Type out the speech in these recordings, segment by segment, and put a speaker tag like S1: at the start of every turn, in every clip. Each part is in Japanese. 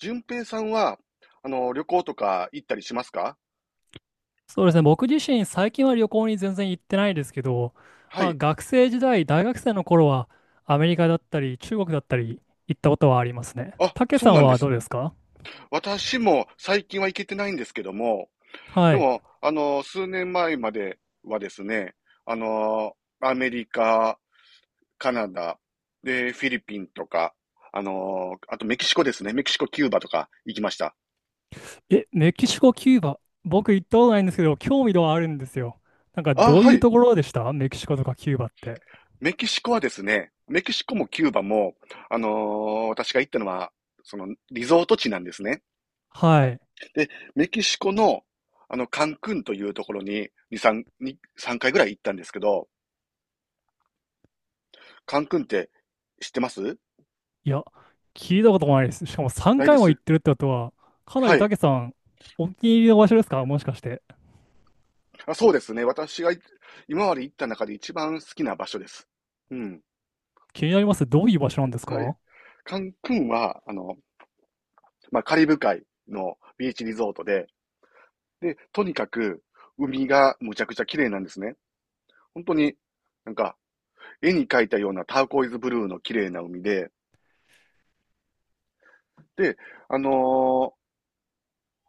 S1: 順平さんは、旅行とか行ったりしますか？
S2: そうですね。僕自身、最近は旅行に全然行ってないですけど、
S1: は
S2: まあ、
S1: い。
S2: 学生時代、大学生の頃は、アメリカだったり、中国だったり、行ったことはありますね。
S1: あ、
S2: たけ
S1: そ
S2: さ
S1: う
S2: ん
S1: なんで
S2: はど
S1: す。
S2: うですか？
S1: 私も最近は行けてないんですけども、
S2: は
S1: で
S2: い。
S1: も、数年前まではですね、あの、アメリカ、カナダ、で、フィリピンとか、あとメキシコですね。メキシコ、キューバとか行きました。
S2: え、メキシコ、キューバ。僕行ったことないんですけど、興味度はあるんですよ。なんか、
S1: あ、
S2: どう
S1: は
S2: いう
S1: い。
S2: ところでしたメキシコとかキューバって？
S1: メキシコはですね、メキシコもキューバも、私が行ったのは、その、リゾート地なんですね。
S2: はい。
S1: で、メキシコの、カンクンというところに、2、3、に3回ぐらい行ったんですけど、カンクンって知ってます？
S2: いや、聞いたこともないです。しかも3
S1: ないで
S2: 回も
S1: す。
S2: 行ってるってことは、かな
S1: は
S2: りた
S1: い。
S2: けさん、お気に入りの場所ですか、もしかして？
S1: あ、そうですね。私がい今まで行った中で一番好きな場所です。うん。
S2: 気になります。どういう場所なんです
S1: はい。
S2: か？
S1: カンクンは、まあ、カリブ海のビーチリゾートで、で、とにかく海がむちゃくちゃ綺麗なんですね。本当に、なんか、絵に描いたようなターコイズブルーの綺麗な海で、で、あのー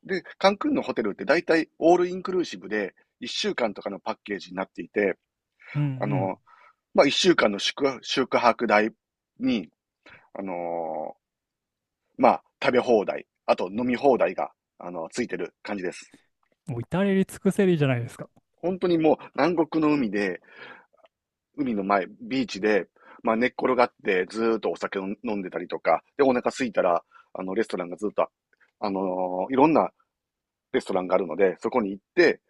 S1: カンクンのホテルって大体オールインクルーシブで1週間とかのパッケージになっていて、
S2: うん
S1: あの、
S2: う
S1: まあ、1週間の宿泊代に、あのーまあ、食べ放題、あと飲み放題が、ついてる感じです。
S2: ん。もう至れり尽くせりじゃないですか。
S1: 本当にもう南国の海で、海の前、ビーチで、まあ、寝っ転がってずーっとお酒を飲んでたりとか、で、お腹空いたら、レストランがずっと、あのいろんなレストランがあるので、そこに行って、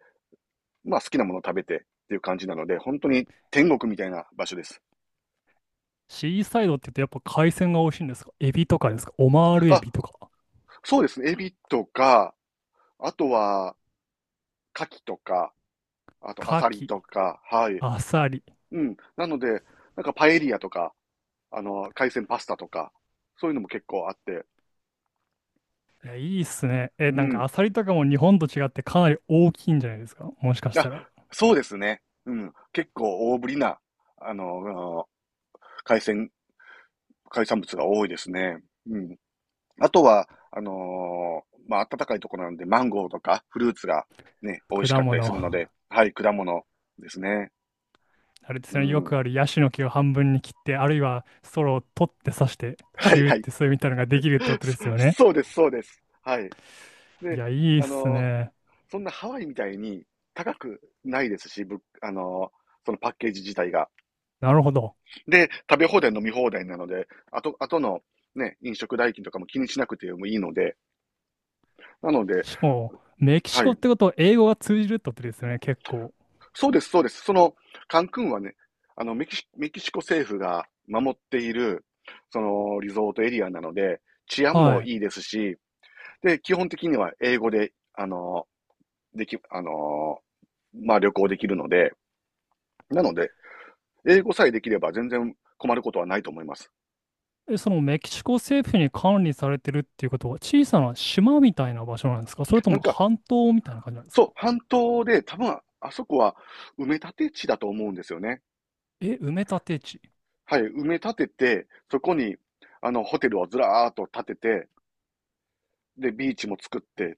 S1: まあ好きなものを食べてっていう感じなので、本当に天国みたいな場所です。
S2: シーサイドって言うとやっぱ海鮮が美味しいんですか？エビとかですか？オマールエ
S1: あ、
S2: ビとか？
S1: そうですね。エビとか、あとは、カキとか、あとア
S2: カ
S1: サリ
S2: キ、
S1: とか、はい。
S2: アサリ。
S1: うん。なので、なんかパエリアとか、海鮮パスタとか、そういうのも結構あって、
S2: いや、いいっすね。え、
S1: う
S2: なんか
S1: ん。
S2: アサリとかも日本と違ってかなり大きいんじゃないですか、もしかし
S1: あ、
S2: たら？
S1: そうですね。うん。結構大ぶりな、あの、海鮮、海産物が多いですね。うん。あとは、まあ、暖かいところなんで、マンゴーとかフルーツがね、美味
S2: 果
S1: しかっ
S2: 物。
S1: たりするので、はい、果物ですね。
S2: あれで
S1: う
S2: すね、よ
S1: ん。
S2: くあるヤシの木を半分に切って、あるいはソロを取って刺して、
S1: は
S2: チ
S1: い
S2: ューっ
S1: はい。
S2: てそういうみたいなのができるってことで
S1: そ
S2: すよね。
S1: そうです、そうです。はい。
S2: い
S1: で、
S2: や、いいっ
S1: あ
S2: す
S1: の
S2: ね。
S1: そんなハワイみたいに高くないですし、ぶあのそのパッケージ自体が。
S2: なるほど。
S1: で、食べ放題、飲み放題なので、あとのね、飲食代金とかも気にしなくてもいいので、なので、
S2: しかも、メキシ
S1: は
S2: コ
S1: い。
S2: ってことは英語が通じるってことですよね、結構。
S1: そうです、そうです。その、カンクンはね、メキシコ政府が守っている、その、リゾートエリアなので、治安
S2: は
S1: も
S2: い。
S1: いいですし、で、基本的には英語で、あの、でき、あの、まあ、旅行できるので、なので、英語さえできれば全然困ることはないと思います。
S2: え、そのメキシコ政府に管理されてるっていうことは小さな島みたいな場所なんですか？それと
S1: なん
S2: も
S1: か、
S2: 半島みたいな感じなんです
S1: そ
S2: か？
S1: う、半島で、多分、あそこは埋め立て地だと思うんですよね。
S2: え、埋め立て地。
S1: はい、埋め立てて、そこに、ホテルをずらーっと建てて、で、ビーチも作って、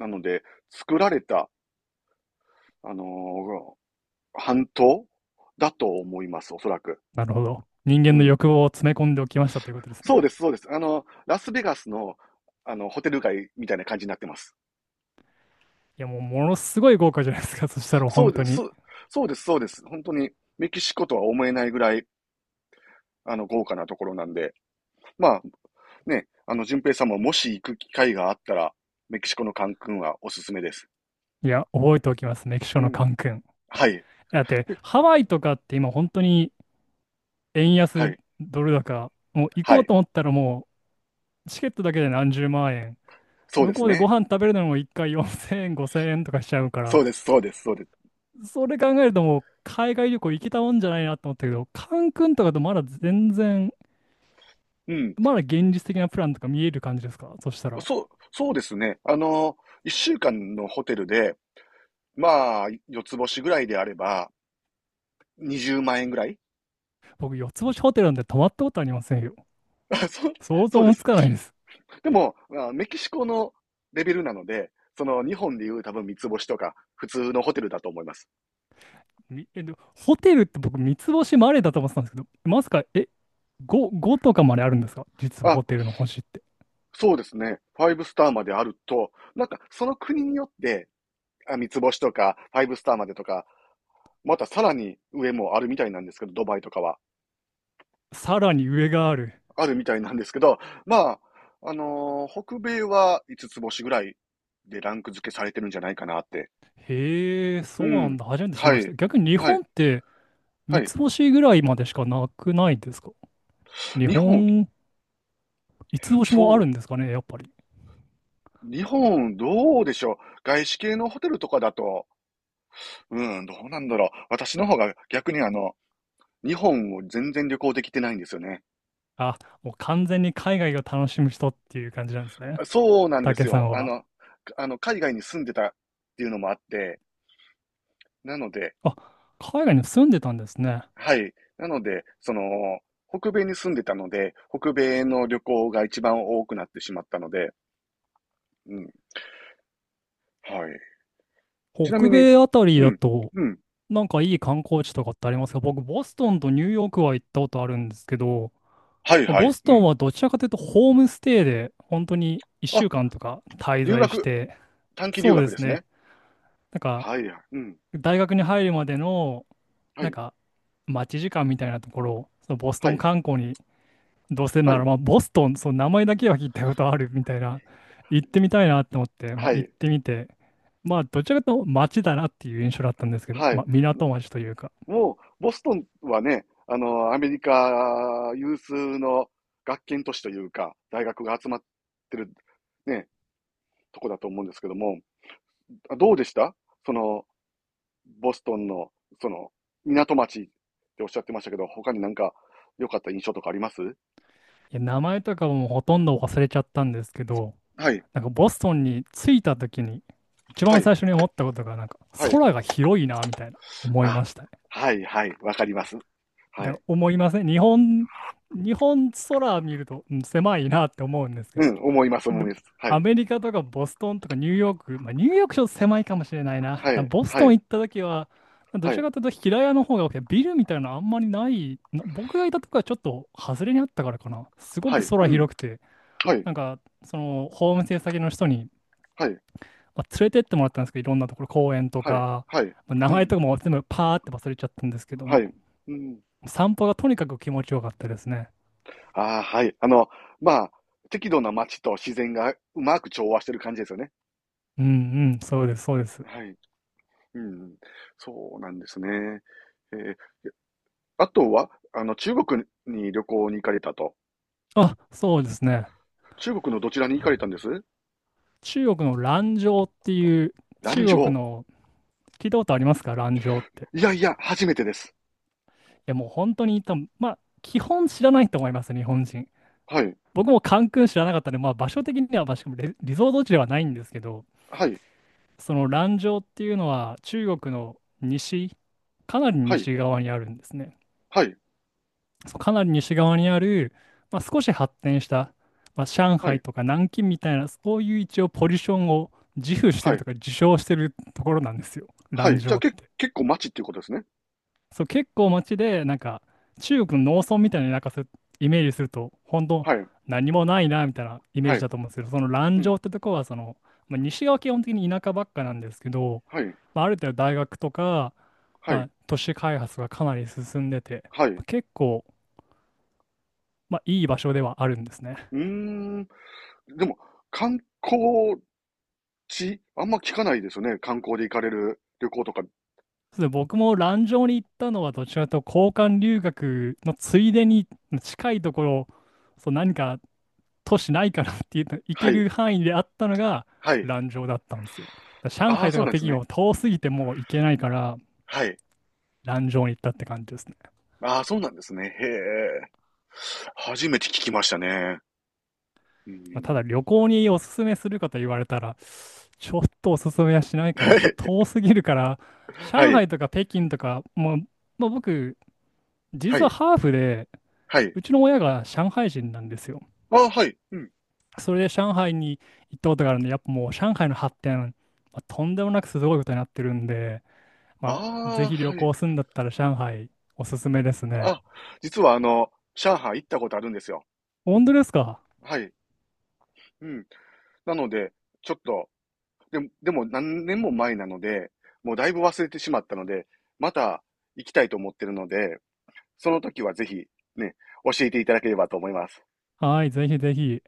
S1: なので、作られた、あのー半島だと思います、おそらく。
S2: なるほど。人
S1: う
S2: 間の
S1: ん。
S2: 欲望を詰め込んでおきましたということです
S1: そ
S2: ね。
S1: うです、そうです。ラスベガスの、ホテル街みたいな感じになってます。
S2: いや、もうものすごい豪華じゃないですか。そしたら
S1: そう
S2: 本当
S1: です、
S2: に。
S1: そうです、そうです。本当に、メキシコとは思えないぐらい、豪華なところなんで。まあ、ね、淳平さんももし行く機会があったら、メキシコのカンクンはおすすめです。
S2: いや、覚えておきます。メキシコ
S1: う
S2: のカ
S1: ん。
S2: ンクン。
S1: はい、
S2: だって、ハワイとかって今本当に円
S1: は
S2: 安
S1: い、
S2: ドル高、もう行
S1: は
S2: こう
S1: い。
S2: と思ったらもうチケットだけで何十万円。
S1: そうで
S2: 向
S1: す
S2: こうでご
S1: ね。
S2: 飯食べるのも一回4000円、5000円とかしちゃうか
S1: そ
S2: ら、
S1: うです、そうです、そうです。
S2: それ考えるともう海外旅行行けたもんじゃないなと思ったけど、カンクンとかとまだ全然、
S1: うん。
S2: まだ現実的なプランとか見える感じですか、そしたら？
S1: そうですね。一週間のホテルで、まあ、四つ星ぐらいであれば、20万円ぐらい。
S2: 僕、四つ星ホテルなんて泊まったことありませんよ。
S1: あそう、
S2: 想
S1: そ
S2: 像
S1: うで
S2: もつ
S1: す。
S2: かないです。
S1: でも、まあメキシコのレベルなので、その日本でいう多分三つ星とか、普通のホテルだと思います。
S2: でホテルって僕、三つ星までだと思ってたんですけど、まさか、え、5、5とかまであるんですか？実は
S1: あ、
S2: ホテルの星って。
S1: そうですね。ファイブスターまであると、なんかその国によって、あ、三つ星とか、ファイブスターまでとか、またさらに上もあるみたいなんですけど、ドバイとかは。
S2: さらに上がある。
S1: あるみたいなんですけど、まあ、北米は五つつ星ぐらいでランク付けされてるんじゃないかなって。
S2: へえ、
S1: う
S2: そうなん
S1: ん。
S2: だ。初めて知り
S1: は
S2: まし
S1: い。
S2: た。逆に日
S1: はい。
S2: 本って
S1: は
S2: 三
S1: い。
S2: つ星ぐらいまでしかなくないですか？日
S1: 日本、
S2: 本、五つ星も
S1: そ
S2: あ
S1: う。
S2: るんですかね、やっぱり。
S1: 日本、どうでしょう。外資系のホテルとかだと、うん、どうなんだろう。私の方が逆に日本を全然旅行できてないんですよね。
S2: あ、もう完全に海外を楽しむ人っていう感じなんですね。
S1: そうなんです
S2: 竹さ
S1: よ。
S2: んは。
S1: 海外に住んでたっていうのもあって、なので、
S2: あ、海外に住んでたんですね。
S1: はい。なので、その、北米に住んでたので、北米の旅行が一番多くなってしまったので、うん、はい。ちな
S2: 北
S1: みに、
S2: 米あたり
S1: う
S2: だ
S1: ん、
S2: と、
S1: うん、
S2: なんかいい観光地とかってありますか？僕、ボストンとニューヨークは行ったことあるんですけど、
S1: はいは
S2: ボ
S1: い、
S2: ス
S1: う
S2: トン
S1: ん。
S2: はどちらかというとホームステイで本当に1
S1: あ、
S2: 週間とか滞
S1: 留
S2: 在し
S1: 学、
S2: て、
S1: 短期留
S2: そうで
S1: 学で
S2: す
S1: すね。
S2: ね。なんか
S1: はい、うん、
S2: 大学に入るまでの
S1: は
S2: なん
S1: い、
S2: か待ち時間みたいなところをそのボスト
S1: は
S2: ン
S1: い、
S2: 観光にどうせ
S1: は
S2: なら、
S1: い、
S2: まあ、ボストン、その名前だけは聞いたことあるみたいな、行ってみたいなって思って、まあ、
S1: は
S2: 行っ
S1: い、
S2: てみて、まあどちらかというと街だなっていう印象だったんですけど、
S1: はい。
S2: まあ、港町というか。
S1: もう、ボストンはね、アメリカ有数の学研都市というか、大学が集まってる、ね、とこだと思うんですけども、どうでしたその、ボストンの、その、港町っておっしゃってましたけど、他になんか良かった印象とかあります？
S2: いや名前とかもほとんど忘れちゃったんですけど、
S1: はい、
S2: なんかボストンに着いた時に一
S1: は
S2: 番
S1: い、
S2: 最初に思ったことがなんか
S1: はい。
S2: 空が広いなみたいな思い
S1: あ、
S2: ましたね。
S1: はい、はい、わかります。は
S2: で、
S1: い。
S2: 思いません。日本、日本空見ると、うん、狭いなって思うんですけ
S1: う
S2: ど、
S1: ん、思います、思
S2: で
S1: います。は
S2: ア
S1: い、
S2: メリカとかボストンとかニューヨーク、まあ、ニューヨークちょっと狭いかもしれないな。だか
S1: は
S2: ら
S1: い、
S2: ボス
S1: は
S2: トン
S1: い、
S2: 行った時は、ど
S1: は
S2: ちら
S1: い、
S2: かというと平屋の方が多くて、ビルみたいなのあんまりない、な僕がいたとこはちょっと外れにあったからかな。すご
S1: は
S2: く
S1: い、う
S2: 空
S1: ん、
S2: 広くて、
S1: はい、
S2: なんかそのホームステイ先の人に、
S1: はい、
S2: まあ、連れてってもらったんですけど、いろんなところ、公園と
S1: はい、
S2: か、
S1: はい、
S2: まあ名
S1: う
S2: 前
S1: ん、
S2: とかも全部パーって忘れちゃったんですけど
S1: は
S2: も、
S1: い、うん。
S2: 散歩がとにかく気持ちよかったですね。
S1: ああ、はい。まあ、適度な街と自然がうまく調和してる感じですよね。
S2: うんうん、そうです、そうです。
S1: はい。うん。そうなんですね。えーあとは、中国に旅行に行かれたと。
S2: あ、そうですね。
S1: 中国のどちらに行かれたんです？
S2: 中国の蘭州っていう、
S1: 蘭
S2: 中国
S1: 州。
S2: の、聞いたことありますか？蘭州って。い
S1: いやいや、初めてです。
S2: や、もう本当に多分、まあ、基本知らないと思います、日本人。
S1: はい。
S2: 僕もカンクン知らなかったので、まあ、場所的には、まあしかもリゾート地ではないんですけど、
S1: はい。
S2: その蘭州っていうのは中国の西、かなり
S1: はい。
S2: 西側にあるんですね。
S1: はい。
S2: そうかなり西側にある、まあ、少し発展した、まあ、上
S1: は
S2: 海
S1: い。
S2: とか南京みたいな、そういう一応ポジションを自負して
S1: は
S2: る
S1: い。
S2: とか自称してるところなんですよ、
S1: は
S2: 蘭
S1: い。じゃ
S2: 州
S1: あ、
S2: って。
S1: 結構街っていうことですね。
S2: そう、結構街で、なんか、中国の農村みたいな、なんかそうイメージすると、本当
S1: はい。
S2: 何もないな、みたいなイメー
S1: は
S2: ジ
S1: い。
S2: だと思うんですけど、その
S1: う
S2: 蘭州
S1: ん。
S2: ってとこは、その、まあ、西側は基本的に田舎ばっかなんですけど、
S1: はい。
S2: まあ、ある程度大学とか、
S1: は
S2: ま
S1: い。
S2: あ、都市開発がかなり進んでて、
S1: はい。
S2: まあ、
S1: う
S2: 結構、まあ、いい場所ではあるんですね。
S1: ーん。でも、観光地、あんま聞かないですよね。観光で行かれる旅行とか。
S2: そうですね僕も蘭城に行ったのはどちらかというと交換留学のついでに近いところ、そう何か都市ないかなっていうの行
S1: は
S2: け
S1: い。
S2: る範囲であったのが
S1: はい。
S2: 蘭城だったんですよ。だから上
S1: ああ、
S2: 海と
S1: そう
S2: か
S1: なんで
S2: 北
S1: す
S2: 京
S1: ね。
S2: は遠すぎてもう行けないから
S1: はい。
S2: 蘭城に行ったって感じですね。
S1: ああ、そうなんですね。へえ。初めて聞きましたね。う
S2: まあ、た
S1: ん。
S2: だ旅行におすすめするかと言われたらちょっとおすすめはしないかな。ちょっと 遠すぎるから
S1: は
S2: 上
S1: い。
S2: 海とか北京とかもう、まあ、僕
S1: は
S2: 実は
S1: い。
S2: ハーフで
S1: はい。
S2: うちの親が上海人なんですよ。
S1: ああ、はい。うん。
S2: それで上海に行ったことがあるんで、やっぱもう上海の発展、まあ、とんでもなくすごいことになってるんで、まあ、
S1: あ
S2: ぜ
S1: あ、
S2: ひ旅
S1: はい。
S2: 行するんだったら上海おすすめですね。
S1: あ、実は上海行ったことあるんですよ。
S2: 本当ですか？
S1: はい。うん。なので、ちょっと、でも何年も前なので、もうだいぶ忘れてしまったので、また行きたいと思ってるので、その時はぜひね、教えていただければと思います。
S2: はい、ぜひぜひ。